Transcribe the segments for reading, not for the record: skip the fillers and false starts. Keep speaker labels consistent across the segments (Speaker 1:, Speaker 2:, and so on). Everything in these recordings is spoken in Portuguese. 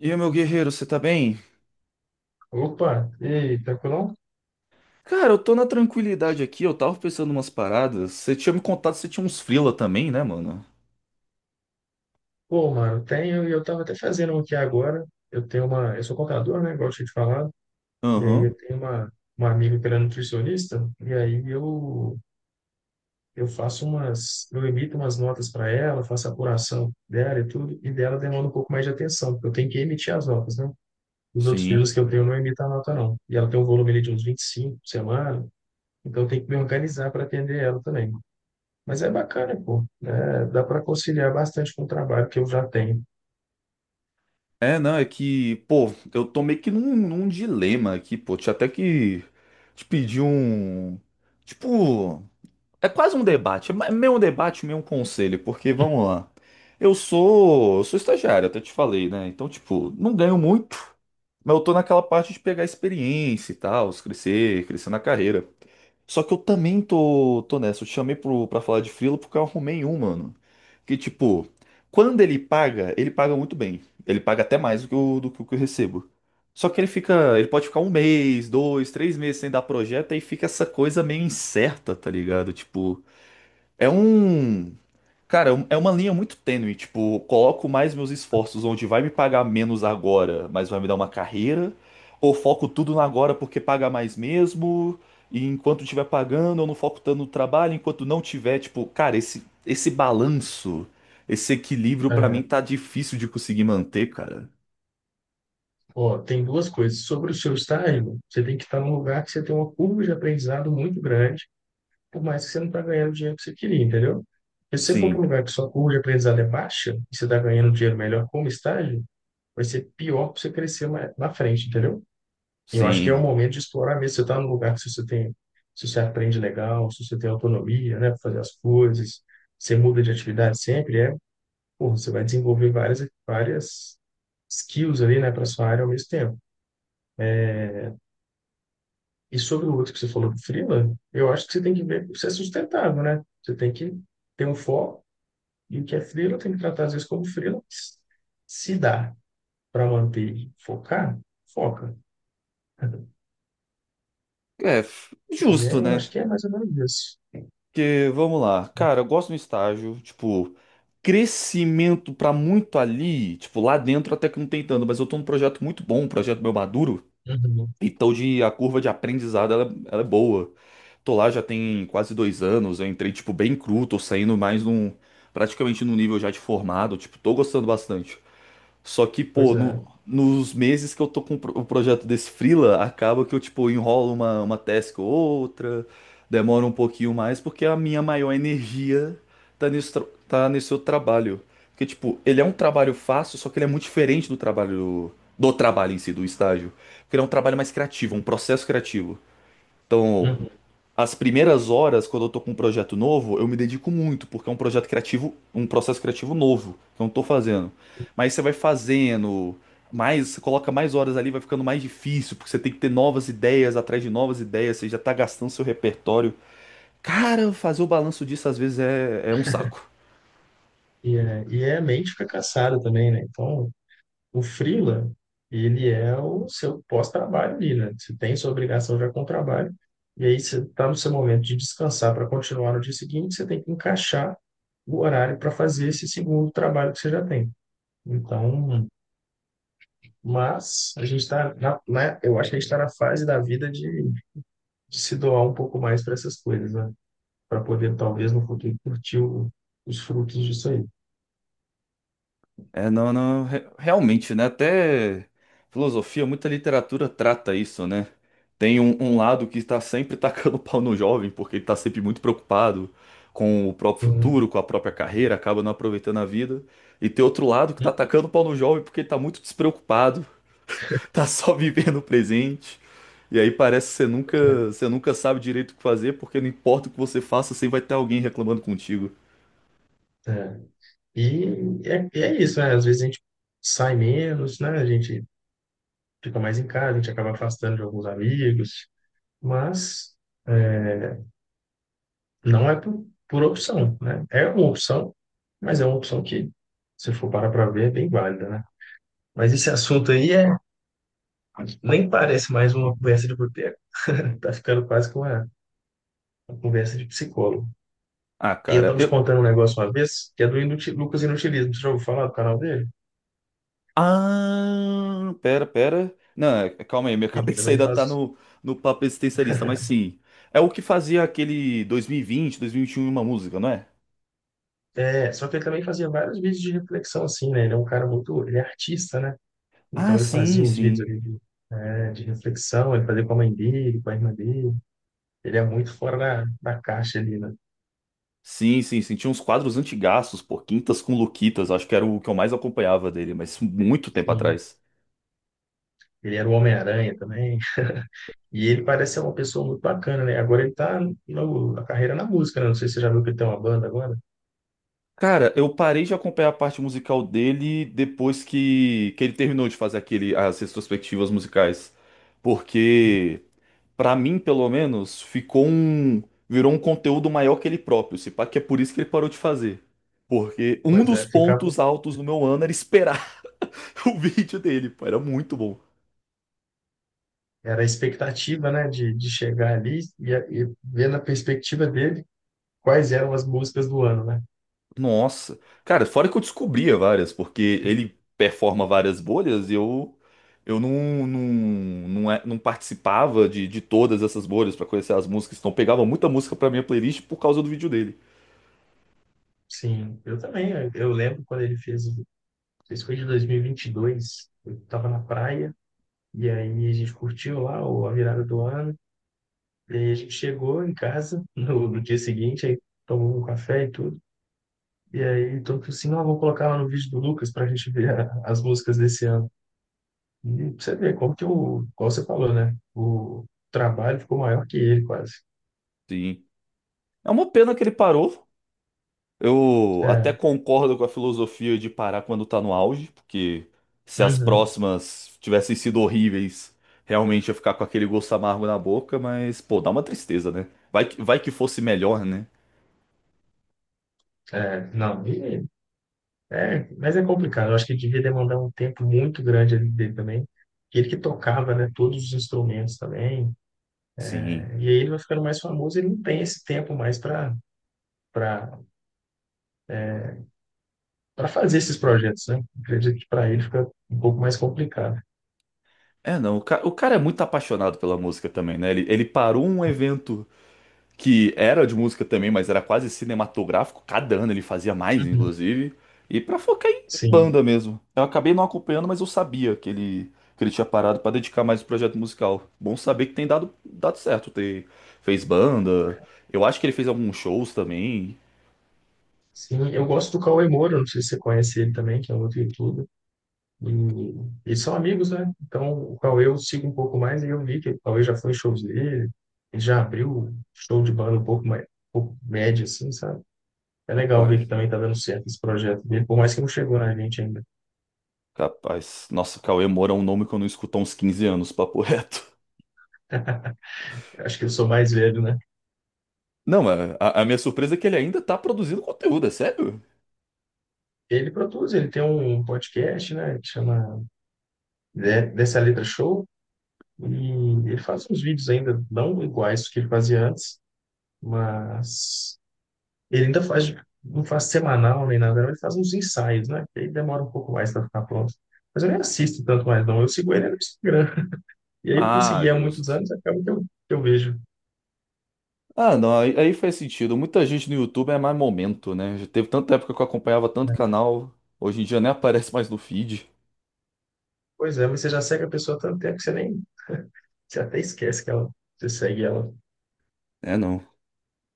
Speaker 1: E aí, meu guerreiro, você tá bem?
Speaker 2: Opa, e aí, tranquilão?
Speaker 1: Cara, eu tô na tranquilidade aqui, eu tava pensando umas paradas. Você tinha me contado que você tinha uns freela também, né, mano?
Speaker 2: Pô, mano, eu tenho, e eu tava até fazendo um aqui agora. Eu tenho uma, eu sou contador, né? Igual eu tinha te falado. E aí
Speaker 1: Aham,
Speaker 2: eu tenho uma, amiga que ela é nutricionista, e aí eu faço umas, eu emito umas notas para ela, faço a apuração dela e tudo, e dela demanda um pouco mais de atenção, porque eu tenho que emitir as notas, né? Os outros
Speaker 1: sim.
Speaker 2: filhos que eu tenho não emitem a nota, não. E ela tem um volume ali de uns 25 por semana, então eu tenho que me organizar para atender ela também. Mas é bacana, pô, né? Dá para conciliar bastante com o trabalho que eu já tenho.
Speaker 1: É, não, é que, pô, eu tô meio que num dilema aqui, pô. Tinha até que te pedir um. Tipo, é quase um debate, é meio um debate, meio um conselho, porque vamos lá. Eu sou estagiário, até te falei, né? Então, tipo, não ganho muito, mas eu tô naquela parte de pegar experiência e tal, crescer na carreira. Só que eu também tô nessa. Eu te chamei pra falar de frila porque eu arrumei um, mano. Que tipo, quando ele paga muito bem. Ele paga até mais do que eu, do que o que eu recebo. Só que ele fica, ele pode ficar um mês, dois, três meses sem dar projeto e fica essa coisa meio incerta, tá ligado? Tipo, é um. Cara, é uma linha muito tênue, tipo, coloco mais meus esforços onde vai me pagar menos agora, mas vai me dar uma carreira, ou foco tudo no agora porque paga mais mesmo, e enquanto estiver pagando, eu não foco tanto no trabalho, enquanto não tiver, tipo, cara, esse balanço, esse equilíbrio pra mim
Speaker 2: É.
Speaker 1: tá difícil de conseguir manter, cara.
Speaker 2: Ó, tem duas coisas. Sobre o seu estágio, você tem que estar num lugar que você tem uma curva de aprendizado muito grande, por mais que você não está ganhando o dinheiro que você queria, entendeu? Porque se você for para um
Speaker 1: Sim,
Speaker 2: lugar que sua curva de aprendizado é baixa, e você está ganhando dinheiro melhor como estágio, vai ser pior para você crescer mais na frente, entendeu? E eu acho que é o
Speaker 1: sim.
Speaker 2: momento de explorar mesmo. Você está num lugar que se você tem, se você aprende legal, se você tem autonomia, né, para fazer as coisas, você muda de atividade sempre, pô, você vai desenvolver várias, várias skills ali, né, para sua área ao mesmo tempo. E sobre o outro que você falou do freela, eu acho que você tem que ver se é sustentável, né? Você tem que ter um foco e o que é freela tem que tratar às vezes como freela. Se dá para manter e focar, foca.
Speaker 1: É,
Speaker 2: E é,
Speaker 1: justo,
Speaker 2: eu
Speaker 1: né?
Speaker 2: acho que é mais ou menos isso.
Speaker 1: Porque, vamos lá, cara, eu gosto do estágio, tipo, crescimento pra muito ali, tipo, lá dentro até que não tem tanto, mas eu tô num projeto muito bom, um projeto meu maduro,
Speaker 2: Uhum.
Speaker 1: então de, a curva de aprendizado, ela é boa. Tô lá já tem quase 2 anos, eu entrei, tipo, bem cru, tô saindo mais num, praticamente num nível já de formado, tipo, tô gostando bastante. Só que, pô,
Speaker 2: Pois é.
Speaker 1: nos meses que eu tô com o o projeto desse freela, acaba que eu, tipo, enrolo uma task ou outra, demora um pouquinho mais, porque a minha maior energia tá tá nesse outro trabalho. Porque, tipo, ele é um trabalho fácil, só que ele é muito diferente do trabalho em si, do estágio. Porque ele é um trabalho mais criativo, um processo criativo. Então,
Speaker 2: Uhum.
Speaker 1: as primeiras horas, quando eu tô com um projeto novo, eu me dedico muito, porque é um projeto criativo, um processo criativo novo que eu não tô fazendo. Mas você vai fazendo mais, você coloca mais horas ali, vai ficando mais difícil, porque você tem que ter novas ideias atrás de novas ideias, você já tá gastando seu repertório. Cara, fazer o balanço disso às vezes é, é um saco.
Speaker 2: E é, a mente fica cansada também, né? Então, o freela, ele é o seu pós-trabalho ali, né? Você tem sua obrigação já com o trabalho, e aí você está no seu momento de descansar para continuar no dia seguinte, você tem que encaixar o horário para fazer esse segundo trabalho que você já tem. Então, mas a gente está na, né? Eu acho que a gente está na fase da vida de se doar um pouco mais para essas coisas, né? Para poder, talvez, no futuro, curtir o- os frutos disso aí.
Speaker 1: É, não, realmente, né? Até filosofia, muita literatura trata isso, né? Tem um, um lado que está sempre tacando pau no jovem, porque ele está sempre muito preocupado com o próprio
Speaker 2: Sim.
Speaker 1: futuro, com a própria carreira, acaba não aproveitando a vida. E tem outro lado que está
Speaker 2: Sim,
Speaker 1: tacando pau no jovem porque ele está muito despreocupado, tá só vivendo o presente. E aí parece que
Speaker 2: pois
Speaker 1: você nunca sabe direito o que fazer, porque não importa o que você faça, sempre vai ter alguém reclamando contigo.
Speaker 2: É. É. E é, e é isso, né? Às vezes a gente sai menos, né? A gente fica mais em casa, a gente acaba afastando de alguns amigos, mas é, não é por opção, né? É uma opção, mas é uma opção que, se for parar para ver, é bem válida, né? Mas esse assunto aí é, nem parece mais uma conversa de boteco. Tá ficando quase que uma conversa de psicólogo.
Speaker 1: Ah,
Speaker 2: E eu
Speaker 1: cara,
Speaker 2: tava te
Speaker 1: eu,
Speaker 2: contando um negócio uma vez, que é do Lucas Inutilismo. Você já ouviu falar do canal dele?
Speaker 1: ah, pera, pera. Não, é, calma aí, minha
Speaker 2: Ele
Speaker 1: cabeça
Speaker 2: também
Speaker 1: ainda tá
Speaker 2: faz.
Speaker 1: no, no papo existencialista, mas sim. É o que fazia aquele dois mil e vinte, 2021, uma música, não é?
Speaker 2: É, só que ele também fazia vários vídeos de reflexão, assim, né? Ele é um cara muito, ele é artista, né?
Speaker 1: Ah,
Speaker 2: Então ele
Speaker 1: sim,
Speaker 2: fazia uns vídeos
Speaker 1: sim.
Speaker 2: ali de, é, de reflexão, ele fazia com a mãe dele, com a irmã dele. Ele é muito fora da, da caixa ali, né?
Speaker 1: Sim, sim, sim. Tinha uns quadros antigaços, pô, Quintas com Luquitas, acho que era o que eu mais acompanhava dele, mas muito tempo
Speaker 2: Sim.
Speaker 1: atrás.
Speaker 2: Ele era o Homem-Aranha também. E ele parece ser uma pessoa muito bacana, né? Agora ele tá no, na carreira na música, né? Não sei se você já viu que ele tem uma banda agora.
Speaker 1: Cara, eu parei de acompanhar a parte musical dele depois que ele terminou de fazer aquele, as retrospectivas musicais.
Speaker 2: Sim.
Speaker 1: Porque. Pra mim, pelo menos, ficou um. Virou um conteúdo maior que ele próprio. Se pá, que é por isso que ele parou de fazer. Porque um
Speaker 2: Pois
Speaker 1: dos
Speaker 2: é, ficava,
Speaker 1: pontos altos do meu ano era esperar o vídeo dele, pô, era muito bom.
Speaker 2: era a expectativa, né, de chegar ali e ver na perspectiva dele quais eram as músicas do ano, né?
Speaker 1: Nossa. Cara, fora que eu descobria várias, porque ele performa várias bolhas e eu. Eu não, não, não participava de todas essas bolhas pra conhecer as músicas, então pegava muita música pra minha playlist por causa do vídeo dele.
Speaker 2: Sim, eu também. Eu lembro quando ele fez, o- fez foi de 2022. Eu estava na praia e aí a gente curtiu lá o- a virada do ano. E aí a gente chegou em casa no, no dia seguinte, aí tomou um café e tudo. E aí todo mundo falou assim, não, vou colocar lá no vídeo do Lucas para a gente ver a- as músicas desse ano. E pra você ver como que o, como você falou, né? O trabalho ficou maior que ele quase.
Speaker 1: Sim. É uma pena que ele parou. Eu até
Speaker 2: É,
Speaker 1: concordo com a filosofia de parar quando tá no auge, porque se as
Speaker 2: uhum,
Speaker 1: próximas tivessem sido horríveis, realmente ia ficar com aquele gosto amargo na boca, mas, pô, dá uma tristeza, né? Vai que fosse melhor, né?
Speaker 2: é, não, e é, mas é complicado. Eu acho que devia demandar um tempo muito grande ali dele também. Ele que tocava, né, todos os instrumentos também. Né?
Speaker 1: Sim.
Speaker 2: E aí ele vai ficando mais famoso, ele não tem esse tempo mais para para fazer esses projetos, né? Acredito que para ele fica um pouco mais complicado.
Speaker 1: É, não, o cara é muito apaixonado pela música também, né? Ele parou um evento que era de música também, mas era quase cinematográfico. Cada ano ele fazia mais,
Speaker 2: Uhum.
Speaker 1: inclusive. E pra focar em
Speaker 2: Sim.
Speaker 1: banda mesmo. Eu acabei não acompanhando, mas eu sabia que ele tinha parado pra dedicar mais o projeto musical. Bom saber que tem dado certo. Ter, fez banda. Eu acho que ele fez alguns shows também.
Speaker 2: Sim, eu gosto do Cauê Moura, não sei se você conhece ele também, que é um outro youtuber. E eles são amigos, né? Então o Cauê eu sigo um pouco mais e eu vi que o Cauê já foi em shows dele, ele já abriu show de banda um pouco mais, um pouco médio, assim, sabe? É legal ver que
Speaker 1: Rapaz.
Speaker 2: também tá dando certo esse projeto dele, por mais que não chegou na gente ainda.
Speaker 1: Capaz. Nossa, Cauê Moura é um nome que eu não escuto há uns 15 anos, papo reto.
Speaker 2: Acho que eu sou mais velho, né?
Speaker 1: Não, mas a minha surpresa é que ele ainda tá produzindo conteúdo, é sério?
Speaker 2: Ele produz, ele tem um podcast, né, que chama Dessa Letra Show, e ele faz uns vídeos ainda não iguais do que ele fazia antes, mas ele ainda faz, não faz semanal nem nada, não, ele faz uns ensaios, né? Que aí demora um pouco mais para ficar pronto. Mas eu nem assisto tanto mais, não. Eu sigo ele no Instagram. E aí, por
Speaker 1: Ah,
Speaker 2: seguir há muitos
Speaker 1: justo.
Speaker 2: anos, acaba que que eu vejo.
Speaker 1: Ah, não, aí, aí faz sentido. Muita gente no YouTube é mais momento, né? Já teve tanta época que eu acompanhava tanto canal, hoje em dia nem aparece mais no feed.
Speaker 2: Pois é, mas você já segue a pessoa há tanto tempo que você nem. Você até esquece que ela, você segue ela.
Speaker 1: É, não.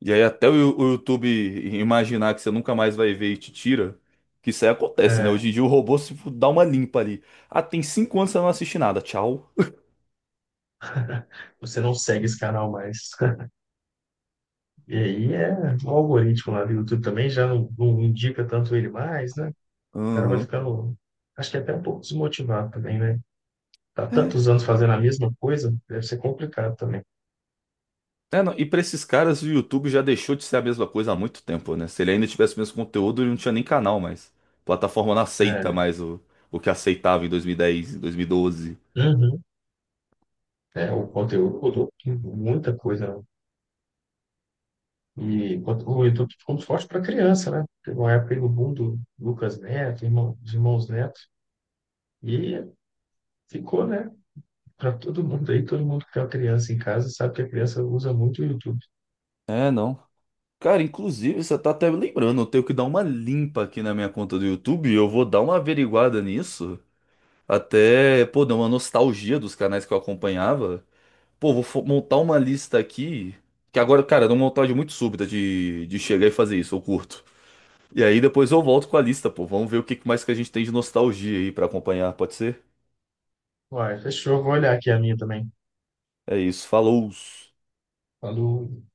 Speaker 1: E aí até o, o YouTube imaginar que você nunca mais vai ver e te tira, que isso aí acontece, né?
Speaker 2: É,
Speaker 1: Hoje em dia o robô se dá uma limpa ali. Ah, tem 5 anos que você não assiste nada, tchau.
Speaker 2: você não segue esse canal mais. E aí é o algoritmo lá do YouTube também já não, não indica tanto ele mais, né? O cara vai
Speaker 1: Aham.
Speaker 2: ficando, acho que até um pouco desmotivado também, né? Tá tantos anos fazendo a mesma coisa, deve ser complicado também.
Speaker 1: É, não, e pra esses caras o YouTube já deixou de ser a mesma coisa há muito tempo, né? Se ele ainda tivesse o mesmo conteúdo, ele não tinha nem canal mais. A plataforma não aceita
Speaker 2: É,
Speaker 1: mais o que aceitava em 2010, em 2012.
Speaker 2: uhum. É, o conteúdo mudou muita coisa, né? E quanto- o YouTube ficou muito forte para criança, né? Teve uma época aí no boom do Lucas Neto, irmão, dos irmãos Neto, e ficou, né? Para todo mundo aí, todo mundo que tem uma criança em casa sabe que a criança usa muito o YouTube.
Speaker 1: É, não. Cara, inclusive, você tá até me lembrando, eu tenho que dar uma limpa aqui na minha conta do YouTube, eu vou dar uma averiguada nisso, até, pô, dar uma nostalgia dos canais que eu acompanhava. Pô, vou montar uma lista aqui, que agora, cara, é uma montagem muito súbita de chegar e fazer isso, eu curto. E aí depois eu volto com a lista, pô, vamos ver o que mais que a gente tem de nostalgia aí pra acompanhar, pode ser?
Speaker 2: Uai, fechou. Vou olhar aqui a minha também.
Speaker 1: É isso, falou!
Speaker 2: Quando